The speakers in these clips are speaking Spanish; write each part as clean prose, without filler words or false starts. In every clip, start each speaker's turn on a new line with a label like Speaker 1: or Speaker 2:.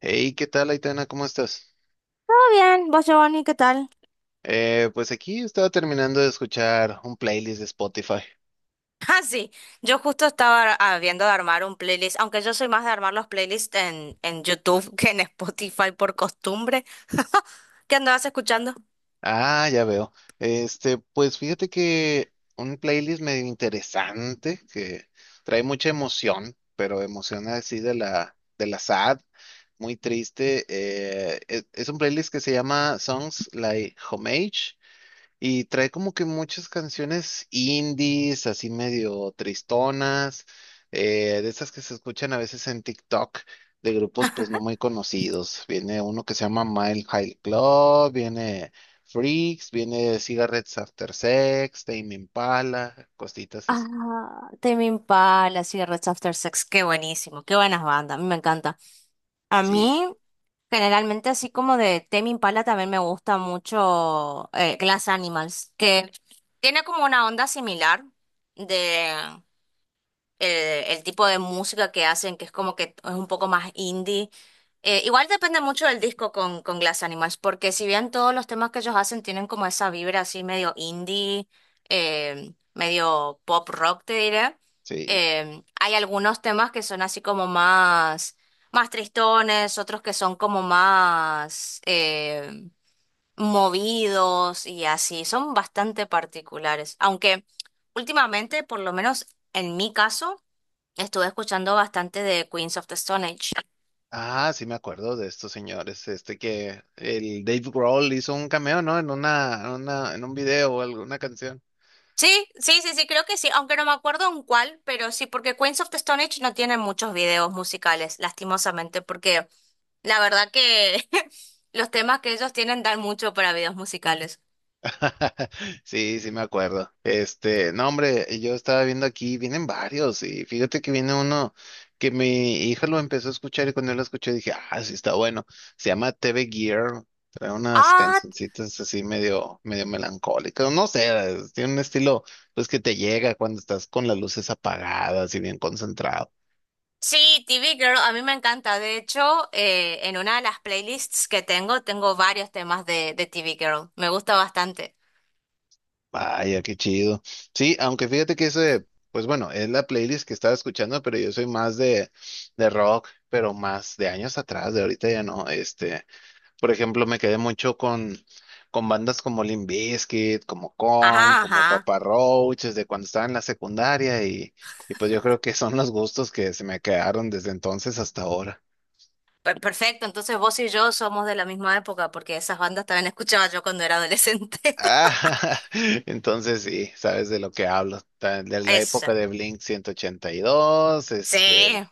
Speaker 1: Hey, ¿qué tal, Aitana? ¿Cómo estás?
Speaker 2: Todo bien, vos Giovanni, ¿qué tal?
Speaker 1: Pues aquí estaba terminando de escuchar un playlist de Spotify.
Speaker 2: Ah, sí, yo justo estaba viendo de armar un playlist, aunque yo soy más de armar los playlists en YouTube que en Spotify por costumbre. ¿Qué andabas escuchando?
Speaker 1: Ah, ya veo. Pues fíjate que un playlist medio interesante que trae mucha emoción, pero emoción así de la sad, muy triste. Es un playlist que se llama Songs Like Homage. Y trae como que muchas canciones indies, así medio tristonas, de esas que se escuchan a veces en TikTok, de grupos pues no muy conocidos. Viene uno que se llama Mile High Club, viene Freaks, viene Cigarettes After Sex, Tame Impala, cositas así.
Speaker 2: Ah, Tame Impala, sí, Red After Sex, qué buenísimo, qué buenas bandas, a mí me encanta. A
Speaker 1: Sí,
Speaker 2: mí, generalmente, así como de Tame Impala, también me gusta mucho Glass Animals, que tiene como una onda similar de el tipo de música que hacen, que es como que es un poco más indie. Igual depende mucho del disco con Glass Animals, porque si bien todos los temas que ellos hacen tienen como esa vibra así medio indie, medio pop rock, te diré,
Speaker 1: sí.
Speaker 2: hay algunos temas que son así como más, más tristones, otros que son como más, movidos y así, son bastante particulares, aunque últimamente, por lo menos en mi caso, estuve escuchando bastante de Queens of the Stone Age.
Speaker 1: Ah, sí me acuerdo de estos señores, este que el Dave Grohl hizo un cameo, ¿no? En en un video o alguna canción.
Speaker 2: Sí, sí, sí, sí, creo que sí, aunque no me acuerdo en cuál, pero sí, porque Queens of the Stone Age no tiene muchos videos musicales, lastimosamente, porque la verdad que los temas que ellos tienen dan mucho para videos musicales.
Speaker 1: Sí, sí me acuerdo. No, hombre, yo estaba viendo aquí, vienen varios, y fíjate que viene uno que mi hija lo empezó a escuchar y cuando yo lo escuché dije, ah, sí está bueno. Se llama TV Gear, trae unas
Speaker 2: Ah,
Speaker 1: cancioncitas así medio melancólicas, no sé, tiene un estilo pues que te llega cuando estás con las luces apagadas y bien concentrado.
Speaker 2: sí, TV Girl, a mí me encanta. De hecho, en una de las playlists que tengo, tengo varios temas de TV Girl. Me gusta bastante.
Speaker 1: Vaya, qué chido. Sí, aunque fíjate que ese, pues bueno, es la playlist que estaba escuchando, pero yo soy más de rock, pero más de años atrás, de ahorita ya no. Por ejemplo, me quedé mucho con bandas como Limp Bizkit, como Korn, como
Speaker 2: Ajá.
Speaker 1: Papa Roach, desde cuando estaba en la secundaria y pues yo creo que son los gustos que se me quedaron desde entonces hasta ahora.
Speaker 2: Perfecto, entonces vos y yo somos de la misma época porque esas bandas también escuchaba yo cuando era adolescente.
Speaker 1: Ah, entonces sí, sabes de lo que hablo. De la
Speaker 2: Esa.
Speaker 1: época de Blink ciento ochenta y dos,
Speaker 2: Sí,
Speaker 1: este.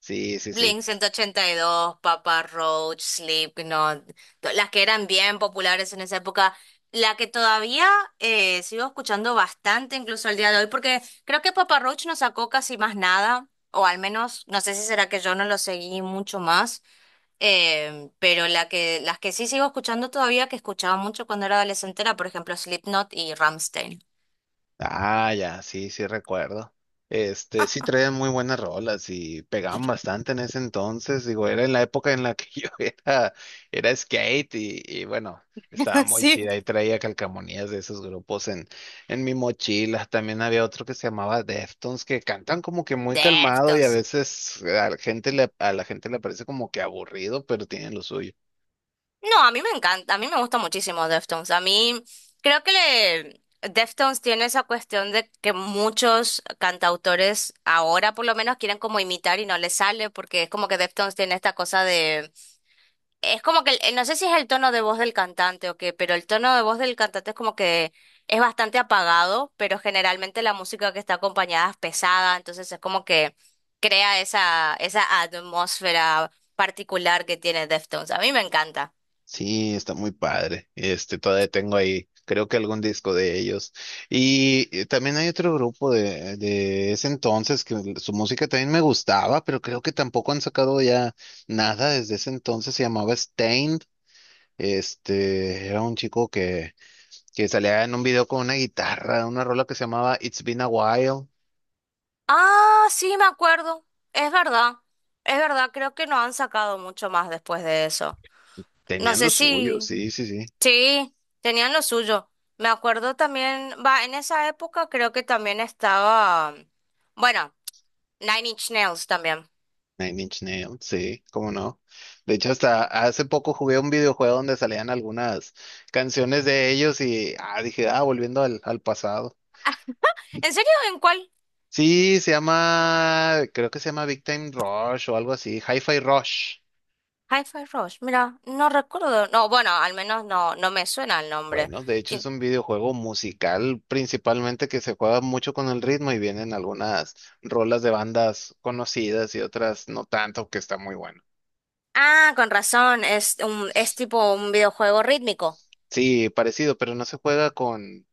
Speaker 1: Sí, sí, sí.
Speaker 2: Blink ciento ochenta y dos, Papa Roach, Slipknot, las que eran bien populares en esa época, la que todavía sigo escuchando bastante incluso al día de hoy porque creo que Papa Roach no sacó casi más nada, o al menos no sé si será que yo no lo seguí mucho más. Pero las que sí sigo escuchando todavía, que escuchaba mucho cuando era adolescente, era por ejemplo Slipknot y Rammstein.
Speaker 1: Ah, ya, sí, sí recuerdo. Sí traían muy buenas rolas y pegaban bastante en ese entonces. Digo, era en la época en la que yo era, era skate y bueno, estaba muy
Speaker 2: Sí.
Speaker 1: chida. Y traía calcamonías de esos grupos en mi mochila. También había otro que se llamaba Deftones, que cantan como que muy calmado y a
Speaker 2: Deftones.
Speaker 1: veces a a la gente le parece como que aburrido, pero tienen lo suyo.
Speaker 2: No, a mí me encanta, a mí me gusta muchísimo Deftones. A mí creo que Deftones tiene esa cuestión de que muchos cantautores ahora por lo menos quieren como imitar y no les sale porque es como que Deftones tiene esta cosa. Es como que, no sé si es el tono de voz del cantante o qué, pero el tono de voz del cantante es como que es bastante apagado, pero generalmente la música que está acompañada es pesada, entonces es como que crea esa atmósfera particular que tiene Deftones. A mí me encanta.
Speaker 1: Sí, está muy padre. Todavía tengo ahí, creo que algún disco de ellos. Y también hay otro grupo de ese entonces que su música también me gustaba, pero creo que tampoco han sacado ya nada desde ese entonces. Se llamaba Stained. Era un chico que salía en un video con una guitarra, una rola que se llamaba It's Been a While.
Speaker 2: Ah, sí, me acuerdo. Es verdad. Es verdad, creo que no han sacado mucho más después de eso. No
Speaker 1: Tenían
Speaker 2: sé
Speaker 1: lo suyo,
Speaker 2: si...
Speaker 1: sí, sí, sí.
Speaker 2: Sí, tenían lo suyo. Me acuerdo también, va, en esa época creo que también estaba, bueno, Nine Inch Nails también.
Speaker 1: Nine Inch Nails, sí, cómo no. De hecho, hasta hace poco jugué un videojuego donde salían algunas canciones de ellos y ah, dije, ah, volviendo al pasado.
Speaker 2: ¿En serio? ¿En cuál?
Speaker 1: Sí, se llama, creo que se llama Big Time Rush o algo así, Hi-Fi Rush.
Speaker 2: Hi-Fi Rush, mira, no recuerdo. No, bueno, al menos no, no me suena el nombre.
Speaker 1: Bueno, de hecho es
Speaker 2: ¿Quién?
Speaker 1: un videojuego musical principalmente que se juega mucho con el ritmo y vienen algunas rolas de bandas conocidas y otras no tanto, que está muy bueno.
Speaker 2: Ah, con razón, es es tipo un videojuego rítmico.
Speaker 1: Sí, parecido, pero no se juega con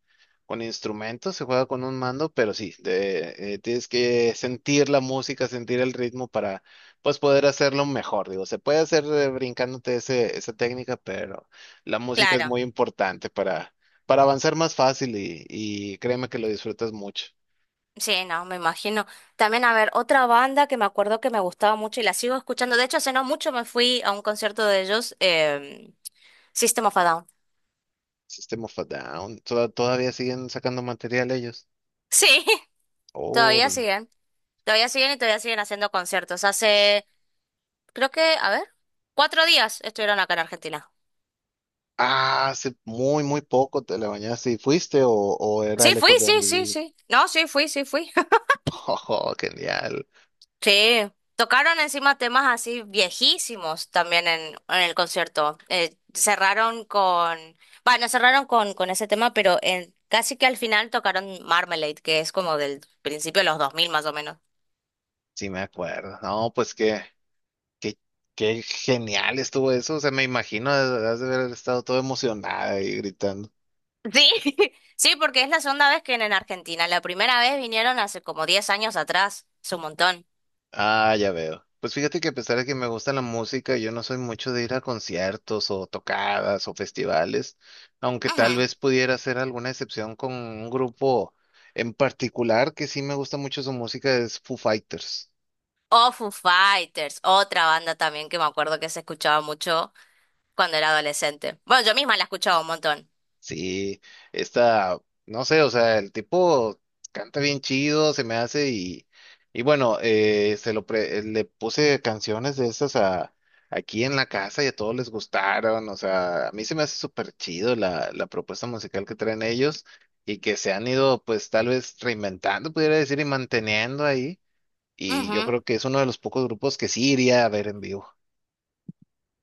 Speaker 1: Con instrumentos, se juega con un mando, pero sí, tienes que sentir la música, sentir el ritmo para pues poder hacerlo mejor. Digo, se puede hacer brincándote ese, esa técnica, pero la música es muy
Speaker 2: Claro.
Speaker 1: importante para avanzar más fácil y créeme que lo disfrutas mucho.
Speaker 2: Sí, no, me imagino. También, a ver, otra banda que me acuerdo que me gustaba mucho y la sigo escuchando. De hecho, hace no mucho me fui a un concierto de ellos, System of a Down.
Speaker 1: System of a Down, todavía siguen sacando material ellos.
Speaker 2: Sí. Todavía
Speaker 1: Órale.
Speaker 2: siguen, todavía siguen y todavía siguen haciendo conciertos. Hace, creo que, a ver, cuatro días estuvieron acá en Argentina.
Speaker 1: Ah, hace muy, muy poco te la bañaste y fuiste o era
Speaker 2: Sí, fui,
Speaker 1: lejos de
Speaker 2: sí,
Speaker 1: donde
Speaker 2: sí,
Speaker 1: vives.
Speaker 2: sí. No, sí, fui, sí, fui.
Speaker 1: Oh, genial.
Speaker 2: Sí. Tocaron encima temas así viejísimos también en el concierto. Cerraron con, bueno, cerraron con ese tema, pero en, casi que al final tocaron Marmalade, que es como del principio de los 2000 más o menos.
Speaker 1: Sí, me acuerdo. No, pues qué, qué genial estuvo eso. O sea, me imagino, has de haber estado todo emocionada y gritando.
Speaker 2: Sí, sí, porque es la segunda vez que vienen a Argentina. La primera vez vinieron hace como 10 años atrás. Es un montón.
Speaker 1: Ah, ya veo. Pues fíjate que a pesar de que me gusta la música, yo no soy mucho de ir a conciertos o tocadas o festivales, aunque
Speaker 2: Ujú.
Speaker 1: tal vez pudiera hacer alguna excepción con un grupo en particular que sí me gusta mucho su música, es Foo Fighters.
Speaker 2: O Foo Fighters, otra banda también que me acuerdo que se escuchaba mucho cuando era adolescente. Bueno, yo misma la escuchaba un montón.
Speaker 1: Sí, esta, no sé, o sea, el tipo canta bien chido, se me hace y bueno, le puse canciones de esas a, aquí en la casa y a todos les gustaron, o sea, a mí se me hace súper chido la propuesta musical que traen ellos y que se han ido pues tal vez reinventando, pudiera decir, y manteniendo ahí y yo
Speaker 2: Ujú.
Speaker 1: creo que es uno de los pocos grupos que sí iría a ver en vivo.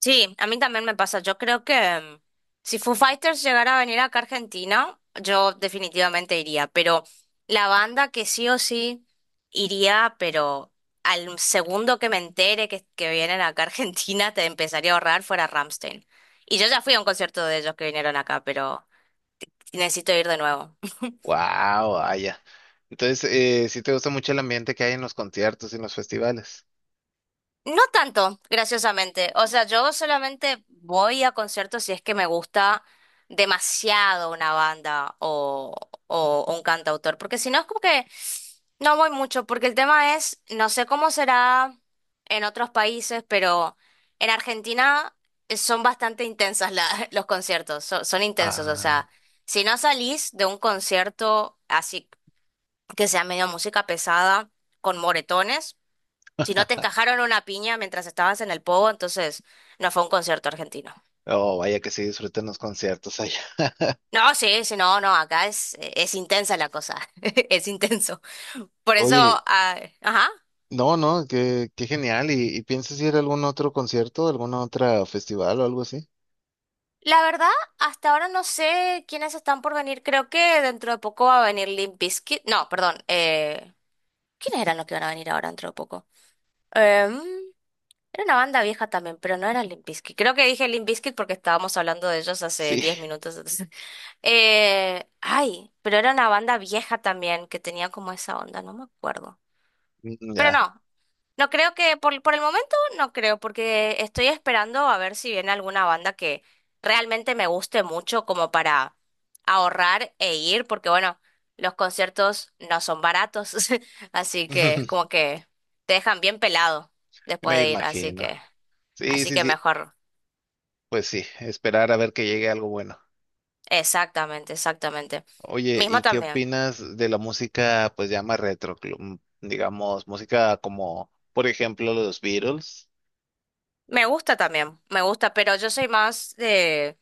Speaker 2: Sí, a mí también me pasa. Yo creo que si Foo Fighters llegara a venir acá a Argentina, yo definitivamente iría. Pero la banda que sí o sí iría, pero al segundo que me entere que vienen acá a Argentina, te empezaría a ahorrar fuera Ramstein. Y yo ya fui a un concierto de ellos que vinieron acá, pero necesito ir de nuevo.
Speaker 1: Wow, vaya. Entonces, sí te gusta mucho el ambiente que hay en los conciertos y en los festivales.
Speaker 2: No tanto, graciosamente. O sea, yo solamente voy a conciertos si es que me gusta demasiado una banda o un cantautor, porque si no es como que no voy mucho, porque el tema es, no sé cómo será en otros países, pero en Argentina son bastante intensas los conciertos, son intensos. O
Speaker 1: Ah,
Speaker 2: sea, si no salís de un concierto así que sea medio música pesada, con moretones. Si no te encajaron una piña mientras estabas en el pogo, entonces no fue un concierto argentino.
Speaker 1: oh, vaya que sí disfrutan los conciertos allá.
Speaker 2: No, sí, sí, no, no, acá es intensa la cosa, es intenso. Por eso,
Speaker 1: Oye,
Speaker 2: ah, ajá.
Speaker 1: no, no, qué genial. Y piensas ir a algún otro concierto, algún otro festival o algo así?
Speaker 2: La verdad, hasta ahora no sé quiénes están por venir. Creo que dentro de poco va a venir Limp Bizkit. No, perdón. ¿Quiénes eran los que van a venir ahora dentro de poco? Em, Era una banda vieja también, pero no era Limp Bizkit. Creo que dije Limp Bizkit porque estábamos hablando de ellos hace
Speaker 1: Sí,
Speaker 2: 10 minutos. Ay, pero era una banda vieja también que tenía como esa onda, no me acuerdo.
Speaker 1: mm,
Speaker 2: Pero
Speaker 1: ya.
Speaker 2: no, no creo que, por el momento no creo, porque estoy esperando a ver si viene alguna banda que realmente me guste mucho como para ahorrar e ir, porque bueno, los conciertos no son baratos, así que es como que te dejan bien pelado después
Speaker 1: Me
Speaker 2: de ir,
Speaker 1: imagino. Sí,
Speaker 2: así
Speaker 1: sí,
Speaker 2: que
Speaker 1: sí.
Speaker 2: mejor.
Speaker 1: Pues sí, esperar a ver que llegue algo bueno.
Speaker 2: Exactamente, exactamente.
Speaker 1: Oye,
Speaker 2: Mismo
Speaker 1: ¿y qué
Speaker 2: también.
Speaker 1: opinas de la música, pues llama retro, digamos, música como, por ejemplo, los Beatles?
Speaker 2: Me gusta también, me gusta, pero yo soy más de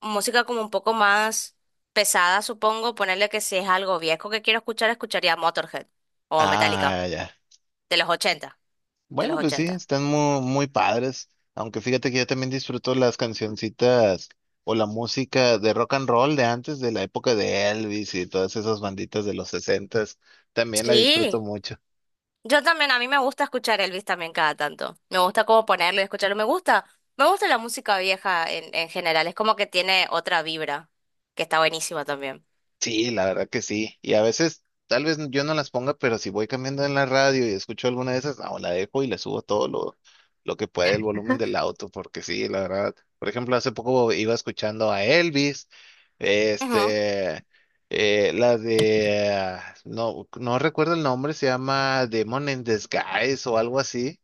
Speaker 2: música como un poco más pesada, supongo. Ponerle que si es algo viejo que quiero escuchar, escucharía Motorhead o Metallica,
Speaker 1: Ah, ya.
Speaker 2: de los 80, de los
Speaker 1: Bueno, pues sí,
Speaker 2: 80.
Speaker 1: están muy, muy padres. Aunque fíjate que yo también disfruto las cancioncitas o la música de rock and roll de antes, de la época de Elvis y todas esas banditas de los sesentas. También la disfruto
Speaker 2: Sí,
Speaker 1: mucho.
Speaker 2: yo también, a mí me gusta escuchar Elvis también cada tanto. Me gusta como ponerlo y escucharlo. Me gusta la música vieja en general, es como que tiene otra vibra, que está buenísima también.
Speaker 1: Sí, la verdad que sí. Y a veces, tal vez yo no las ponga, pero si voy cambiando en la radio y escucho alguna de esas, no, la dejo y le subo todo lo que puede el volumen del auto, porque sí, la verdad. Por ejemplo, hace poco iba escuchando a Elvis,
Speaker 2: Ujú.
Speaker 1: este, no, no recuerdo el nombre, se llama Demon in Disguise o algo así,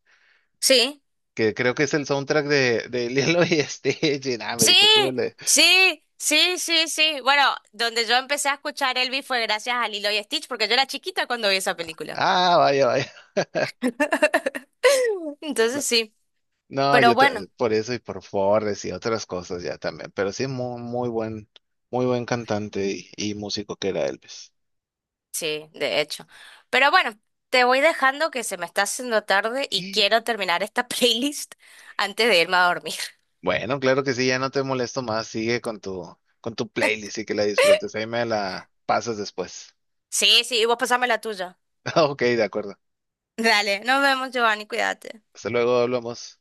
Speaker 2: Sí.
Speaker 1: que creo que es el soundtrack de Lilo y Stitch. Y nada, me
Speaker 2: Sí,
Speaker 1: dije, súbele.
Speaker 2: sí, sí, sí, sí. Bueno, donde yo empecé a escuchar Elvis fue gracias a Lilo y Stitch, porque yo era chiquita cuando vi esa película.
Speaker 1: Ah, vaya, vaya.
Speaker 2: Entonces sí,
Speaker 1: No,
Speaker 2: pero bueno,
Speaker 1: por eso y por Forres y otras cosas ya también, pero sí muy muy buen cantante y músico que era Elvis.
Speaker 2: sí, de hecho. Pero bueno, te voy dejando que se me está haciendo tarde y
Speaker 1: Y
Speaker 2: quiero terminar esta playlist antes de irme a dormir.
Speaker 1: bueno, claro que sí, ya no te molesto más, sigue con tu playlist y que la disfrutes. Ahí me la pasas después.
Speaker 2: Sí, sí, y vos pasame la tuya.
Speaker 1: Ok, de acuerdo.
Speaker 2: Dale, nos vemos, Giovanni, cuídate.
Speaker 1: Hasta luego, hablamos.